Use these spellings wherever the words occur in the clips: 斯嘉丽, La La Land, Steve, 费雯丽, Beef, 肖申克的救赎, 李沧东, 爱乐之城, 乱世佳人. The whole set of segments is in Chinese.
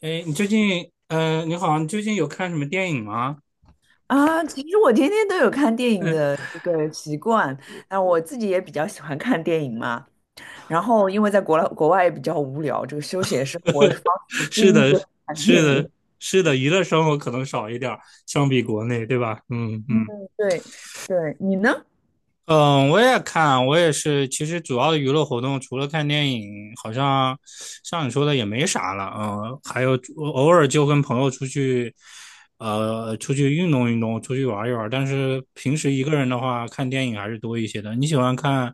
哎，你最近，你好，你最近有看什么电影吗？啊，其实我天天都有看电影嗯，的这个习惯，那我自己也比较喜欢看电影嘛。然后因为在国外也比较无聊，这个休闲生活方式之一是的，就是看是电影。的，是的，娱乐生活可能少一点儿，相比国内，对吧？嗯嗯，嗯 对对，你呢？嗯，我也看，我也是。其实主要的娱乐活动除了看电影，好像像你说的也没啥了。嗯，还有偶尔就跟朋友出去，出去运动运动，出去玩一玩。但是平时一个人的话，看电影还是多一些的。你喜欢看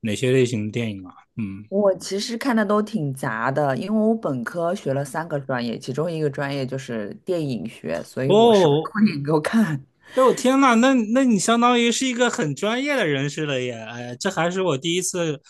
哪些类型的电影啊？嗯。我其实看的都挺杂的，因为我本科学了三个专业，其中一个专业就是电影学，所以我什么 哦，电影都看。哎，我天呐，那你相当于是一个很专业的人士了耶！哎，这还是我第一次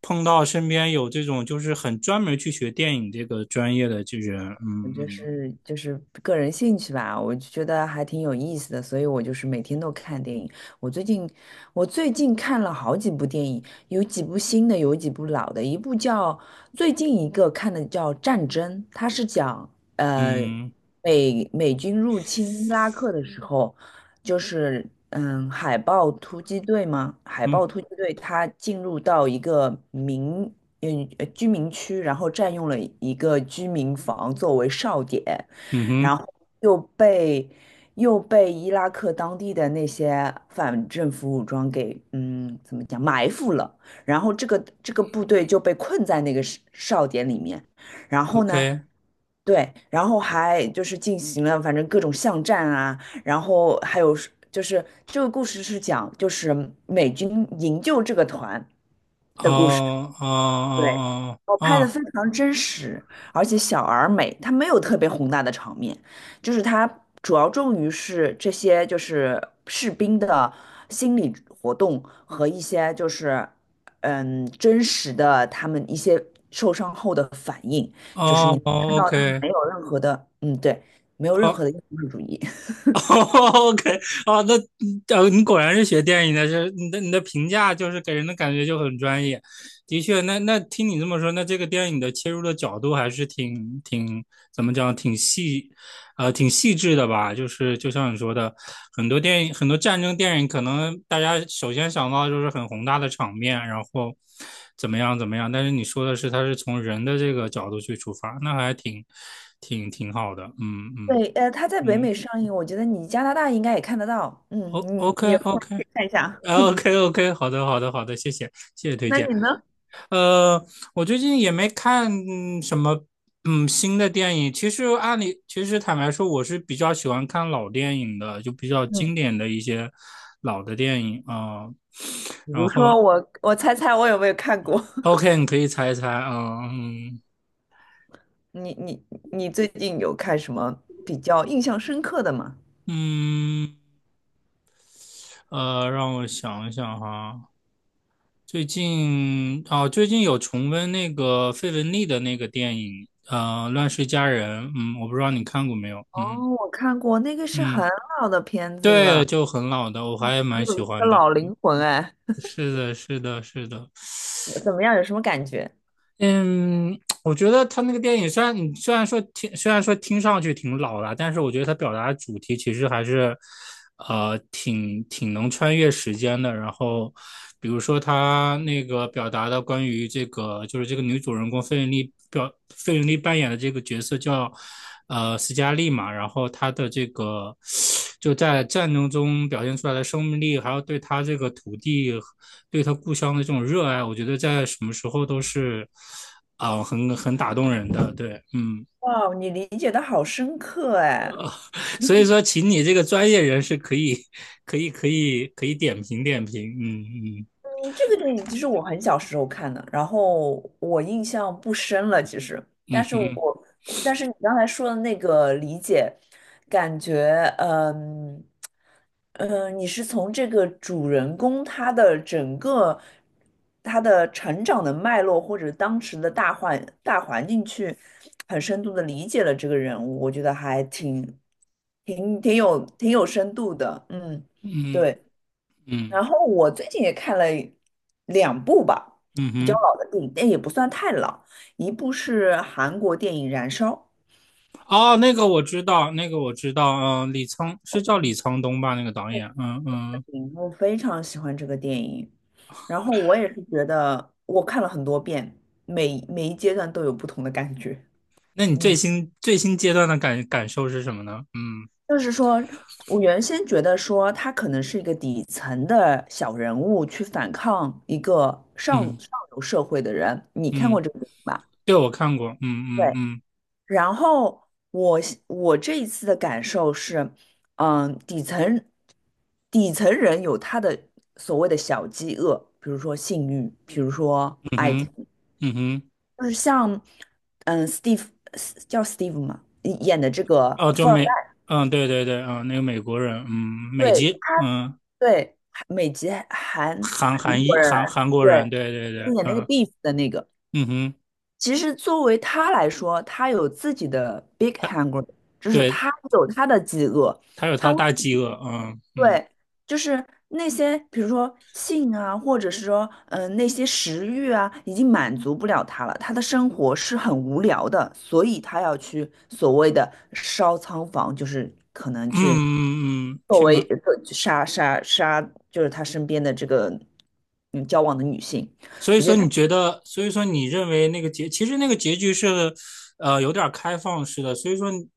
碰到身边有这种就是很专门去学电影这个专业的这人。我就嗯是就是个人兴趣吧，我就觉得还挺有意思的，所以我就是每天都看电影。我最近我最近看了好几部电影，有几部新的，有几部老的。一部叫最近一个看的叫《战争》，它是讲呃嗯嗯美军入侵伊拉克的时候，就是海豹突击队吗？海豹嗯突击队它进入到一个居民区，然后占用了一个居民房作为哨点，嗯然哼后又被又被伊拉克当地的那些反政府武装给嗯怎么讲埋伏了，然后这个部队就被困在那个哨点里面，然后呢？，OK，对，然后还就是进行了反正各种巷战啊，然后还有是就是这个故事是讲就是美军营救这个团。哦哦对，哦我拍的哦非常真实，而且小而美，它没有特别宏大的场面，就是它主要重于是这些就是士兵的心理活动和一些就是嗯真实的他们一些受伤后的反应，哦就是你哦看哦到他们，OK，没有任何的对，没有任哦 何的英雄主义。哦 OK，哦，那你果然是学电影的，是你的评价就是给人的感觉就很专业。的确，那听你这么说，那这个电影的切入的角度还是挺挺怎么讲，挺细，挺细致的吧？就是就像你说的，很多电影，很多战争电影，可能大家首先想到就是很宏大的场面，然后怎么样怎么样。但是你说的是，它是从人的这个角度去出发，那还挺好的。嗯嗯对，它在北嗯。美上映，我觉得你加拿大应该也看得到，嗯，你 你 OK 有空 OK 以看一下。啊 OK OK，好的好的好的，谢谢推那荐。你呢？呃，我最近也没看什么新的电影。其实按理，其实坦白说，我是比较喜欢看老电影的，就比较嗯。经典的一些老的电影啊。比然如后 说我，我猜猜我有没有看过？OK，你可以猜一猜啊，嗯你你你最近有看什么比较印象深刻的吗？嗯让我想一想哈，最近哦，最近有重温那个费雯丽的那个电影，《乱世佳人》。嗯，我不知道你看过没有。哦，嗯我看过，那个是嗯，很老的片子对，了，就很老的，我还也蛮喜有一个欢的。老灵魂哎，是的，是的，是的。怎么样？有什么感觉？嗯，我觉得他那个电影虽然说听上去挺老了，但是我觉得他表达的主题其实还是，挺挺能穿越时间的。然后，比如说他那个表达的关于这个，就是这个女主人公费雯丽扮演的这个角色叫斯嘉丽嘛，然后她的这个就在战争中表现出来的生命力，还有对她这个土地对他故乡的这种热爱，我觉得在什么时候都是很打动人的。对，嗯，哇，你理解的好深刻哎，所以说，请你这个专业人士可以可以点评点评。嗯嗯嗯这个电影其实我很小时候看的，然后我印象不深了，其实，但嗯是哼我，但是你刚才说的那个理解，感觉，嗯，你是从这个主人公他的整个他的成长的脉络，或者当时的大环境去很深度的理解了这个人物，我觉得还挺挺有深度的，嗯，嗯对。然嗯后我最近也看了两部吧，嗯比较哼。老的电影，但也不算太老。一部是韩国电影《燃烧》，哦，那个我知道，那个我知道。嗯，李沧是叫嗯李沧东吧？那个导演。嗯嗯。嗯我非常喜欢这个电影。然后我也是觉得，我看了很多遍，每一阶段都有不同的感觉。那你最嗯新最新阶段的感感受是什么呢？嗯就是说，我原先觉得说他可能是一个底层的小人物去反抗一个嗯上流社会的人。你看过嗯，这个电影吧？对我看过。嗯嗯对。嗯然后我这一次的感受是，嗯，底层人有他的所谓的小饥饿，比如说性欲，比如说嗯爱情，哼嗯哼。就是像嗯，Steve 叫 Steve 嘛，演的这个哦，就富二代，美，嗯，对对对，嗯，那个美国人，嗯，美对籍，他嗯，对美籍韩韩韩国裔人韩韩国人，对，对对对，就演那个 嗯 Beef 的那个，嗯哼，其实作为他来说，他有自己的 big hunger,就是对，他有他的饥饿。他有他他为大饥饿，嗯嗯对，就是那些，比如说性啊，或者是说，嗯、那些食欲啊，已经满足不了他了。他的生活是很无聊的，所以他要去所谓的烧仓房，就是可能嗯去嗯嗯，嗯作去为吗？杀，就是他身边的这个嗯交往的女性。所以我觉说得他，你觉得，所以说你认为那个结，其实那个结局是，有点开放式的。所以说你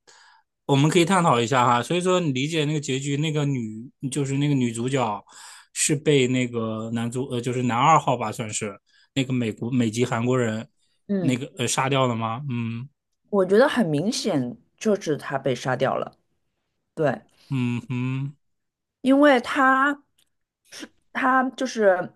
我们可以探讨一下哈。所以说，你理解那个结局，那个女就是那个女主角是被那个男主，就是男二号吧，算是那个美国美籍韩国人那嗯，个杀掉了吗？嗯我觉得很明显就是他被杀掉了。对，嗯嗯因为他，是她就是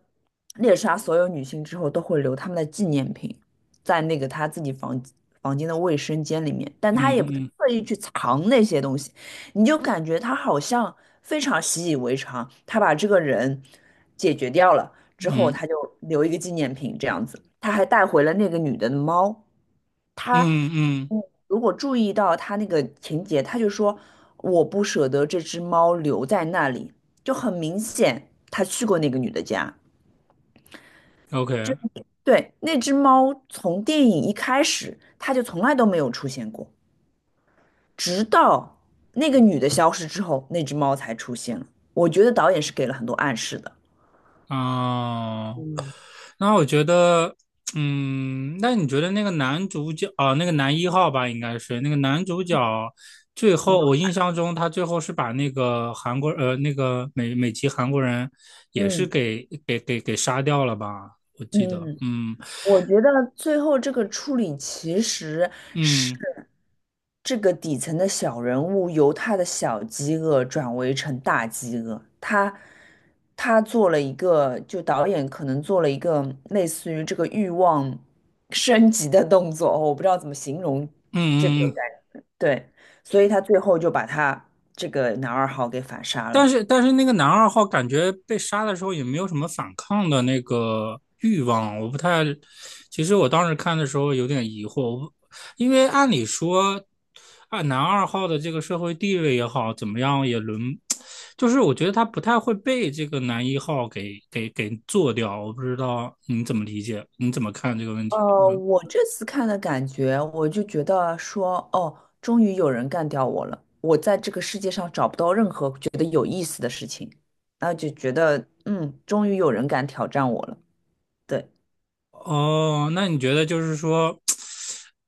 猎杀所有女性之后都会留她们的纪念品在那个她自己房间的卫生间里面，但他也不是嗯特意去藏那些东西，你就感觉他好像非常习以为常，他把这个人解决掉了之后，嗯嗯他就留一个纪念品这样子，他还带回了那个女的的猫，嗯嗯嗯。如果注意到他那个情节，他就说我不舍得这只猫留在那里，就很明显他去过那个女的家。，OK。对，那只猫从电影一开始，他就从来都没有出现过，直到那个女的消失之后，那只猫才出现了。我觉得导演是给了很多暗示的。哦，那我觉得，嗯，那你觉得那个男主角啊，那个男一号吧，应该是那个男主角，最嗯后我印象中他最后是把那个韩国那个美籍韩国人也是嗯，给杀掉了吧？我记得，嗯嗯我觉得最后这个处理其实嗯是。这个底层的小人物由他的小饥饿转为成大饥饿，他做了一个，就导演可能做了一个类似于这个欲望升级的动作，我不知道怎么形容这嗯个嗯，感觉，对，所以他最后就把他这个男二号给反杀但了。是但是那个男二号感觉被杀的时候也没有什么反抗的那个欲望，我不太，其实我当时看的时候有点疑惑，因为按理说啊，按男二号的这个社会地位也好，怎么样也轮，就是我觉得他不太会被这个男一号给做掉，我不知道你怎么理解，你怎么看这个问题？嗯，我这次看的感觉，我就觉得说，哦，终于有人干掉我了。我在这个世界上找不到任何觉得有意思的事情，那就觉得，嗯，终于有人敢挑战我了。对，哦，那你觉得就是说，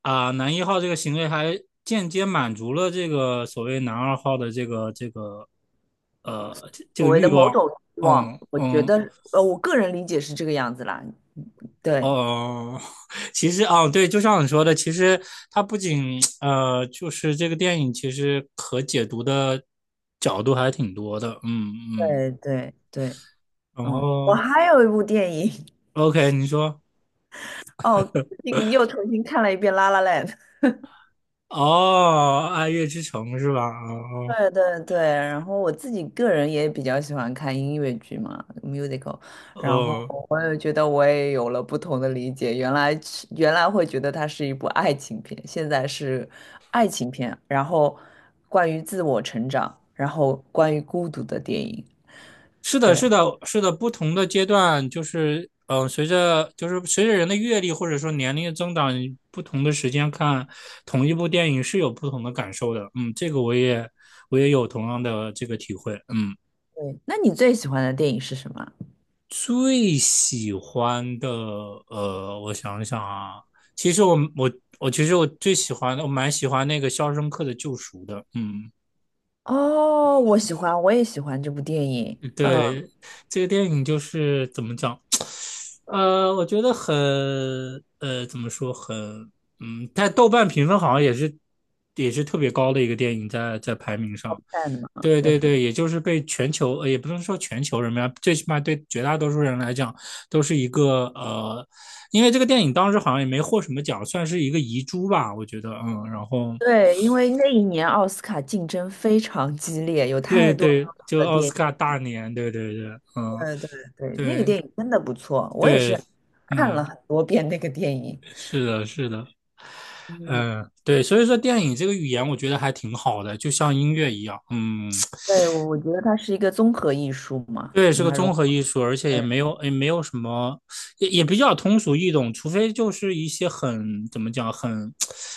啊，男一号这个行为还间接满足了这个所谓男二号的这所个谓的欲某望，种欲望，嗯我觉嗯得，我个人理解是这个样子啦。对，哦，其实啊，对，就像你说的，其实它不仅就是这个电影其实可解读的角度还挺多的，嗯嗯，对，然嗯，我后 还有一部电影，OK，你说 哦，最近又重新看了一遍《La La Land》。哦，《爱乐之城》是吧？哦对，然后我自己个人也比较喜欢看音乐剧嘛，musical,哦。然后哦我也觉得我也有了不同的理解，原来原来会觉得它是一部爱情片，现在是爱情片，然后关于自我成长，然后关于孤独的电影，是的，对是的，是的，不同的阶段就是，嗯、随着就是随着人的阅历或者说年龄的增长，你不同的时间看同一部电影是有不同的感受的。嗯，这个我也有同样的这个体会。嗯，对。那你最喜欢的电影是什么？最喜欢的，我想想啊，其实我其实我最喜欢的，我蛮喜欢那个《肖申克的救赎》的。嗯，哦，我喜欢，我也喜欢这部电影，嗯，对，这个电影就是怎么讲？我觉得很怎么说很嗯，在豆瓣评分好像也是也是特别高的一个电影在，在排名好上。看的嘛，对就对是对，也就是被全球也不能说全球人吧，最起码对绝大多数人来讲，都是一个因为这个电影当时好像也没获什么奖，算是一个遗珠吧，我觉得嗯，然后对，因为那一年奥斯卡竞争非常激烈，有太对多对，就的奥电斯影。卡大年，对对对，嗯，对对对，那个对电影真的不错，我也对，是看了嗯，很多遍那个电影。是的，是的。嗯，嗯，对，所以说电影这个语言，我觉得还挺好的，就像音乐一样，嗯，对，我觉得它是一个综合艺术嘛，对，嗯是个它融综合合艺术，而且也没有什么，也比较通俗易懂，除非就是一些很怎么讲，很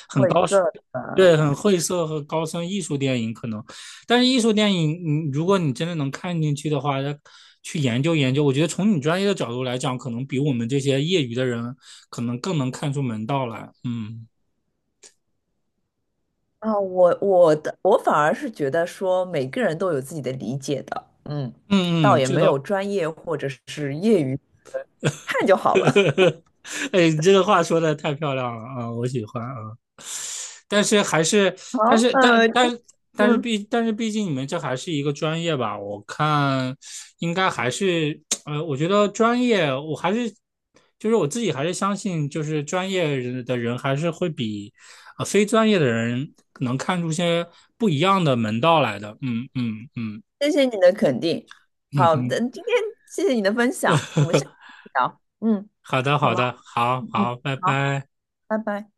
很晦高深，涩的对，很艺晦术涩和高深艺术电影可能，但是艺术电影，嗯，如果你真的能看进去的话，它去研究研究，我觉得从你专业的角度来讲，可能比我们这些业余的人可能更能看出门道来，嗯啊。我反而是觉得说每个人都有自己的理解的，嗯，嗯倒嗯，也这没有倒 专业或者是业余，看就 好呵了。呵呵，哎，你这个话说的太漂亮了啊，我喜欢啊。但是还是，好，但是但呃，这但次但是毕竟你们这还是一个专业吧？我看应该还是，我觉得专业我还是，就是我自己还是相信，就是专业人的人还是会比非专业的人能看出些不一样的门道来的。嗯嗯嗯谢谢你的肯定。嗯好的，哼，今天谢谢你的分享，我们下次 再聊。嗯，好的好好吗？的，好嗯,好，拜好，拜。拜拜。